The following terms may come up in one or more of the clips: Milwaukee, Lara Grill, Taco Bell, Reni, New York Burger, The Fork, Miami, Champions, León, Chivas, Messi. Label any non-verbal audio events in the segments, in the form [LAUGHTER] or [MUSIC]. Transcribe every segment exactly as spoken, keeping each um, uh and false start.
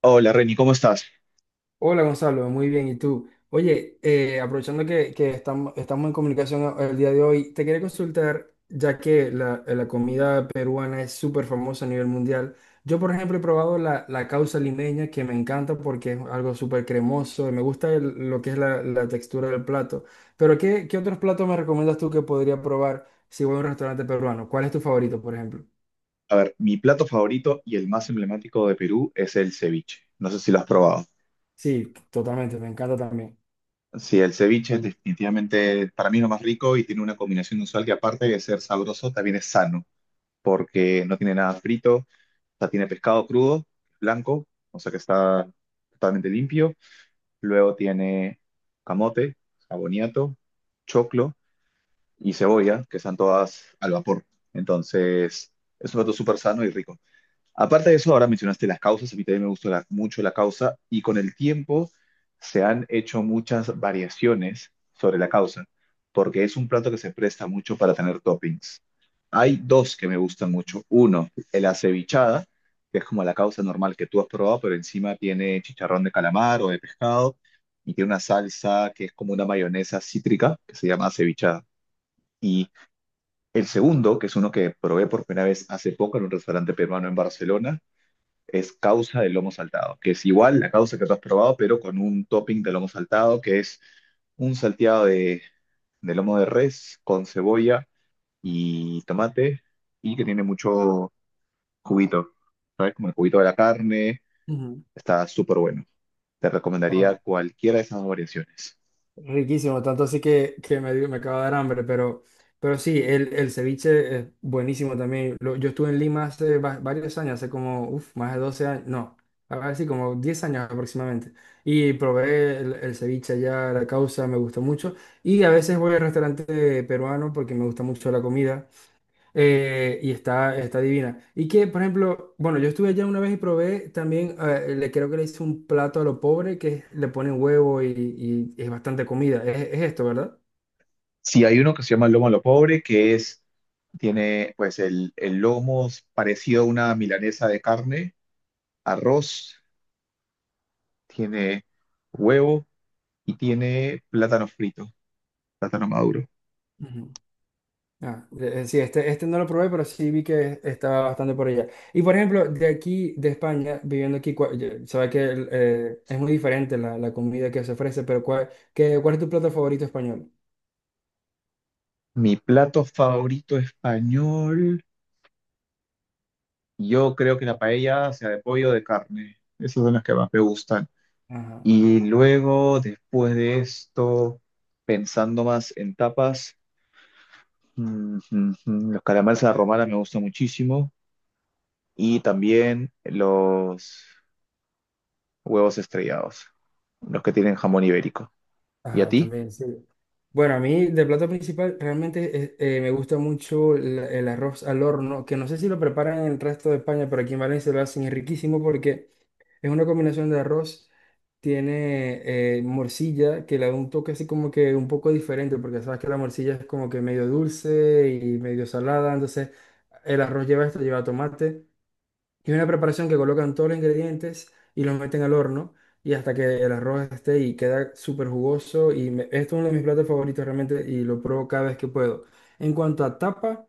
Hola Reni, ¿cómo estás? Hola Gonzalo, muy bien. ¿Y tú? Oye, eh, aprovechando que, que estamos, estamos en comunicación, eh, el día de hoy, te quería consultar, ya que la, la comida peruana es súper famosa a nivel mundial. Yo, por ejemplo, he probado la, la causa limeña, que me encanta porque es algo súper cremoso, y me gusta el- lo que es la, la textura del plato. Pero, ¿qué, qué otros platos me recomiendas tú que podría probar si voy a un restaurante peruano? ¿Cuál es tu favorito, por ejemplo? A ver, mi plato favorito y el más emblemático de Perú es el ceviche. No sé si lo has probado. Sí, totalmente, me encanta también. Sí, el ceviche es definitivamente para mí lo más rico y tiene una combinación usual que aparte de ser sabroso, también es sano, porque no tiene nada frito, o sea, tiene pescado crudo, blanco, o sea que está totalmente limpio. Luego tiene camote, aboniato, choclo y cebolla, que están todas al vapor. Entonces, es un plato súper sano y rico. Aparte de eso, ahora mencionaste las causas, a mí también me gusta la- mucho la causa y con el tiempo se han hecho muchas variaciones sobre la causa, porque es un plato que se presta mucho para tener toppings. Hay dos que me gustan mucho. Uno, el acevichada, que es como la causa normal que tú has probado, pero encima tiene chicharrón de calamar o de pescado y tiene una salsa que es como una mayonesa cítrica que se llama acevichada. Y el segundo, que es uno que probé por primera vez hace poco en un restaurante peruano en Barcelona, es causa de lomo saltado, que es igual la causa que tú has probado, pero con un topping de lomo saltado, que es un salteado de, de lomo de res con cebolla y tomate y que tiene mucho juguito, ¿sabes? Como el juguito de la carne, está súper bueno. Te recomendaría Ujú. cualquiera de esas dos variaciones. Riquísimo, tanto así que, que me, dio- me acaba de dar hambre, pero, pero sí, el, el ceviche es buenísimo también. Lo- yo estuve en Lima hace va- varios años, hace como, uf, más de doce años, no, a ver, sí, como diez años aproximadamente. Y probé el, el ceviche allá, la causa, me gustó mucho. Y a veces voy al restaurante peruano porque me gusta mucho la comida. Eh, y está, está divina. Y que, por ejemplo, bueno, yo estuve allá una vez y probé también, eh, le creo que le hice un plato a lo pobre que es- le ponen huevo y, y es bastante comida. Es, es esto, ¿verdad? Si hay uno que se llama lomo a lo pobre, que es, tiene pues el, el lomo es parecido a una milanesa de carne, arroz, tiene huevo y tiene plátano frito, plátano maduro. Ujú. Ah, eh, sí, este, este no lo probé, pero sí vi que estaba bastante por allá. Y por ejemplo, de aquí, de España, viviendo aquí, cua- yo- sabe que el, eh, es muy diferente la, la comida que se ofrece, pero ¿cuál, qué- cuál es tu plato favorito español? Mi plato favorito español, yo creo que la paella sea de pollo o de carne. Esas son las que más me gustan. Ajá. Y luego, después de esto, pensando más en tapas, mm, mm, mm, los calamares a la romana me gustan muchísimo. Y también los huevos estrellados, los que tienen jamón ibérico. ¿Y a Ajá, ti? también, sí. Bueno, a mí de plato principal realmente eh, eh, me gusta mucho la- el, arroz al horno, que no sé si lo preparan en el resto de España, pero aquí en Valencia lo hacen, es riquísimo porque es una combinación de arroz, tiene eh, morcilla, que le da un toque así como que un poco diferente, porque sabes que la morcilla es como que medio dulce y medio salada, entonces el arroz lleva esto, lleva tomate. Y una preparación que colocan todos los ingredientes y los meten al horno y hasta que el arroz esté y queda súper jugoso. Y me- esto es uno de mis platos favoritos realmente y lo pruebo cada vez que puedo. En cuanto a tapa,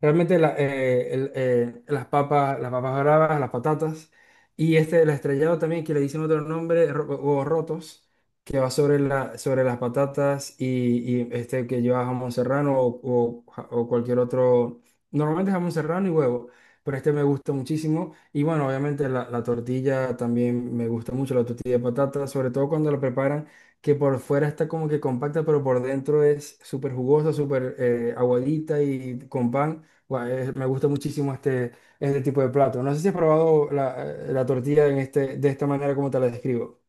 realmente la- eh, el- eh, las papas, las papas bravas, las patatas y este el estrellado también que le dicen otro nombre, ro- huevos rotos, que va sobre la, sobre las patatas y, y, este que lleva jamón serrano o, o ja- o cualquier otro. Normalmente jamón serrano y huevo, pero este me gusta muchísimo. Y bueno, obviamente la, la tortilla también me gusta mucho, la tortilla de patatas, sobre todo cuando la preparan, que por fuera está como que compacta, pero por dentro es súper jugosa, súper eh, aguadita y con pan. Guau, eh, me gusta muchísimo este, este tipo de plato. No sé si has probado la, eh, la tortilla en este, de esta manera como te la describo.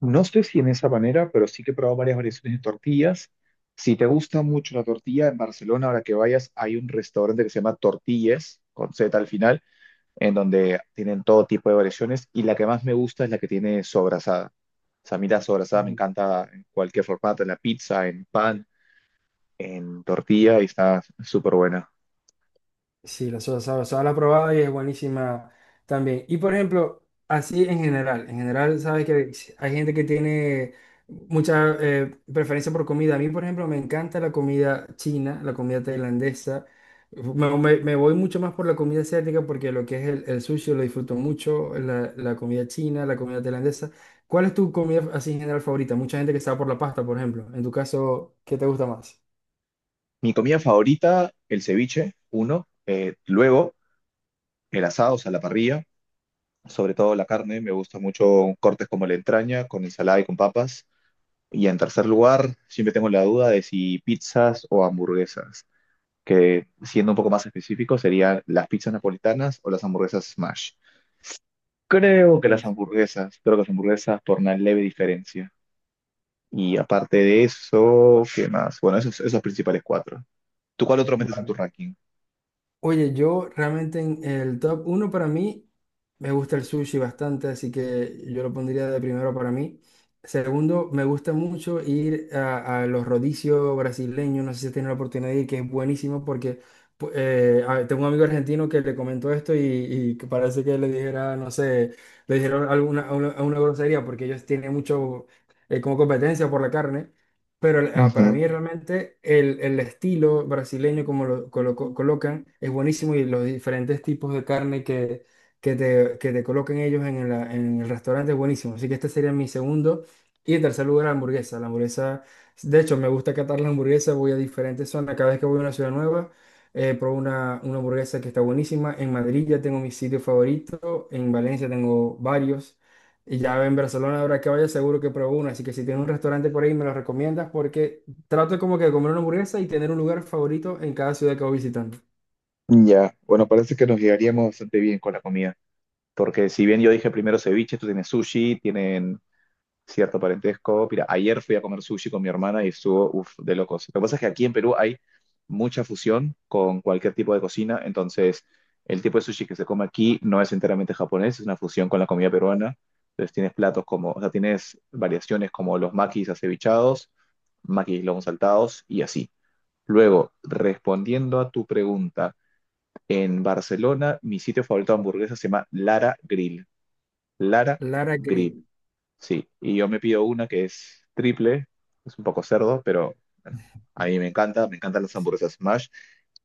No sé si en esa manera, pero sí que he probado varias variaciones de tortillas. Si te gusta mucho la tortilla, en Barcelona, ahora que vayas, hay un restaurante que se llama Tortillas, con Z al final, en donde tienen todo tipo de variaciones. Y la que más me gusta es la que tiene sobrasada. O sea, a mí la sobrasada me Ujú. encanta en cualquier formato, en la pizza, en pan, en tortilla, y está súper buena. Sí, la soda saba, soda la he probado y es buenísima también. Y por ejemplo, así en general, en general, sabes que hay gente que tiene mucha eh, preferencia por comida. A mí, por ejemplo, me encanta la comida china, la comida tailandesa. Me, me- me voy mucho más por la comida asiática porque lo que es el, el sushi lo disfruto mucho, la, la comida china, la comida tailandesa. ¿Cuál es tu comida así en general favorita? Mucha gente que está por la pasta, por ejemplo. En tu caso, ¿qué te gusta más? Mi comida favorita, el ceviche, uno. Eh, luego, el asado, o sea, la parrilla. Sobre todo la carne, me gusta mucho cortes como la entraña, con ensalada y con papas. Y en tercer lugar, siempre tengo la duda de si pizzas o hamburguesas, que siendo un poco más específico serían las pizzas napolitanas o las hamburguesas smash. Creo que las hamburguesas, creo que las hamburguesas por una leve diferencia. Y aparte de eso, ¿qué más? Bueno, esos, esos principales cuatro. ¿Tú cuál otro metes en tu Bueno, ranking? oye, yo realmente en el top uno para mí me gusta el sushi bastante, así que yo lo pondría de primero para mí. Segundo, me gusta mucho ir a, a los rodicios brasileños, no sé si has tenido la oportunidad de ir, que es buenísimo porque pu- eh, a- tengo un amigo argentino que le comentó esto y, y que parece que le dijera, no sé, le dijeron alguna una, una grosería porque ellos tienen mucho eh, como competencia por la carne. Pero ah, para Ujú. mí realmente el, el estilo brasileño como lo colo colocan es buenísimo y los diferentes tipos de carne que, que te, que te colocan ellos en, la- en el restaurante es buenísimo. Así que este sería mi segundo. Y en tercer lugar, la hamburguesa. La hamburguesa, de hecho, me gusta catar la hamburguesa, voy a diferentes zonas. Cada vez que voy a una ciudad nueva, eh, pruebo una, una hamburguesa que está buenísima. En Madrid ya tengo mi sitio favorito, en Valencia tengo varios. Y ya en Barcelona, ahora que vaya, seguro que pruebo una. Así que si tienes un restaurante por ahí, me lo recomiendas porque trato como que de comer una hamburguesa y tener un lugar favorito en cada ciudad que voy visitando. Ya, bueno, parece que nos llegaríamos bastante bien con la comida. Porque si bien yo dije primero ceviche, tú tienes sushi, tienen cierto parentesco. Mira, ayer fui a comer sushi con mi hermana y estuvo, uff, de locos. Lo que pasa es que aquí en Perú hay mucha fusión con cualquier tipo de cocina, entonces el tipo de sushi que se come aquí no es enteramente japonés, es una fusión con la comida peruana. Entonces tienes platos como, o sea, tienes variaciones como los makis acevichados, makis lomos saltados y así. Luego, respondiendo a tu pregunta, en Barcelona mi sitio favorito de hamburguesas se llama Lara Grill. Lara Lara Grill. Grill. Sí, y yo me pido una que es triple, es un poco cerdo, pero bueno, a mí me encanta, me encantan las hamburguesas Smash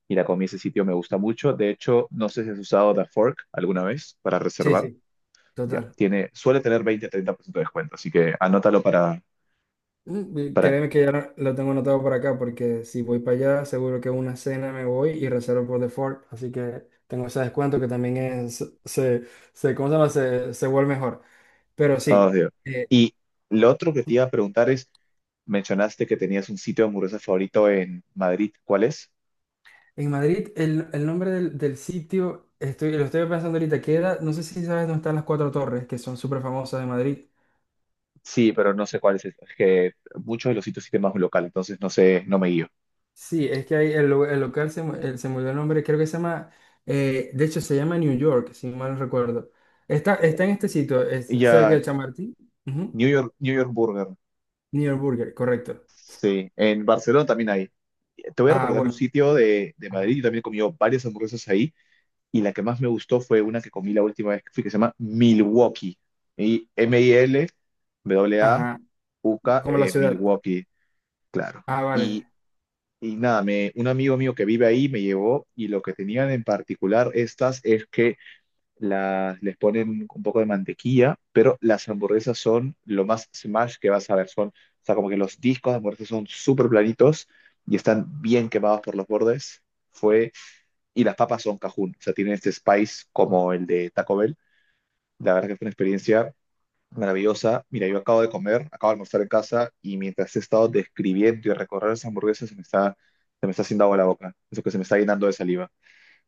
y la comí en ese sitio, me gusta mucho. De hecho, no sé si has usado The Fork alguna vez para Sí, reservar. sí, Ya, total. tiene, suele tener veinte treinta por ciento de descuento, así que anótalo para, Mm, y para, Créeme que ya lo lo tengo anotado por acá porque si voy para allá, seguro que una cena me voy y reservo por default. Así que tengo ese descuento que también es, se, se, ¿cómo se llama? Se, se vuelve mejor. Pero oh, sí. Dios. Y lo otro que te iba a preguntar es, mencionaste que tenías un sitio de hamburguesas favorito en Madrid, ¿cuál es? En Madrid, el, el nombre del, del sitio, estoy, lo estoy pensando ahorita, queda, no sé si sabes dónde están las Cuatro Torres, que son súper famosas de Madrid. Sí, pero no sé cuál es. Es que muchos de los sitios sí tienen más un local, entonces no sé, no me guío. Sí, es que ahí el, lu- el local se, mu- el- se mudó el nombre, creo que se llama, eh, de hecho se llama New York, si mal no recuerdo. Está, está en este sitio, es cerca Ya, de Chamartín. Ujú. New York, New York Burger. New York Burger, correcto. Sí, en Barcelona también hay. Te voy a Ah, recomendar un bueno, sitio de, de ajá, Madrid. Yo también he comido varias hamburguesas ahí. Y la que más me gustó fue una que comí la última vez que fui, que se llama Milwaukee. Y M-I-L, ajá, W-A-U-K, como la eh, ciudad. Milwaukee, claro. Ah, vale. Y, y nada, me, un amigo mío que vive ahí me llevó. Y lo que tenían en particular estas es que las, les ponen un poco de mantequilla, pero las hamburguesas son lo más smash que vas a ver. Son, o sea, como que los discos de hamburguesas son súper planitos y están bien quemados por los bordes. Fue, y las papas son cajún, o sea, tienen este spice como el de Taco Bell. La verdad que fue una experiencia maravillosa. Mira, yo acabo de comer, acabo de almorzar en casa y mientras he estado describiendo y recorrer las hamburguesas, se me está, se me está haciendo agua la boca. Eso que se me está llenando de saliva.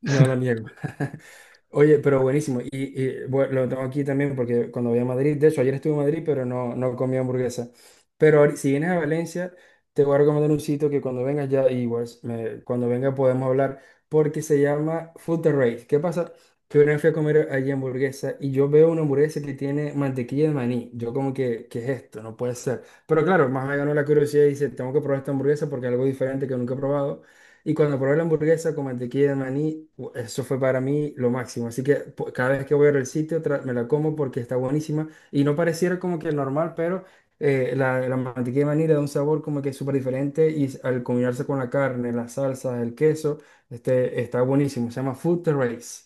No lo niego. [LAUGHS] Oye, pero buenísimo. Y, y, bueno, lo tengo aquí también porque cuando voy a Madrid, de hecho, ayer estuve en Madrid, pero no, no comí hamburguesa. Pero ahori- si vienes a Valencia, te voy a recomendar un sitio que cuando vengas ya, igual, me- cuando venga podemos hablar, porque se llama Food Terrace. ¿Qué pasa? Que una vez fui a comer allí hamburguesa y yo veo una hamburguesa que tiene mantequilla de maní. Yo como que, ¿qué es esto? No puede ser. Pero claro, más me ganó la curiosidad y dice, tengo que probar esta hamburguesa porque es algo diferente que nunca he probado. Y cuando probé la hamburguesa con mantequilla de maní, u- eso fue para mí lo máximo. Así que po- cada vez que voy al sitio tra- me la como porque está buenísima. Y no pareciera como que normal, pero eh, la, la mantequilla de maní le da un sabor como que súper diferente y s- al combinarse con la carne, las salsas, el queso, este, está buenísimo. Se llama Food Terrace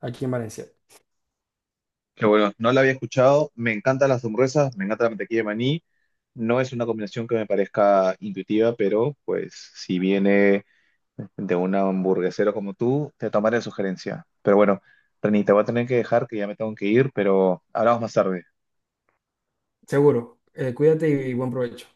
aquí en Valencia. Qué bueno, no la había escuchado. Me encantan las hamburguesas, me encanta la mantequilla de maní. No es una combinación que me parezca intuitiva, pero pues si viene de un hamburguesero como tú, te tomaré la sugerencia. Pero bueno, Reni, te voy a tener que dejar que ya me tengo que ir, pero hablamos más tarde. Seguro. Eh, cuídate y buen provecho.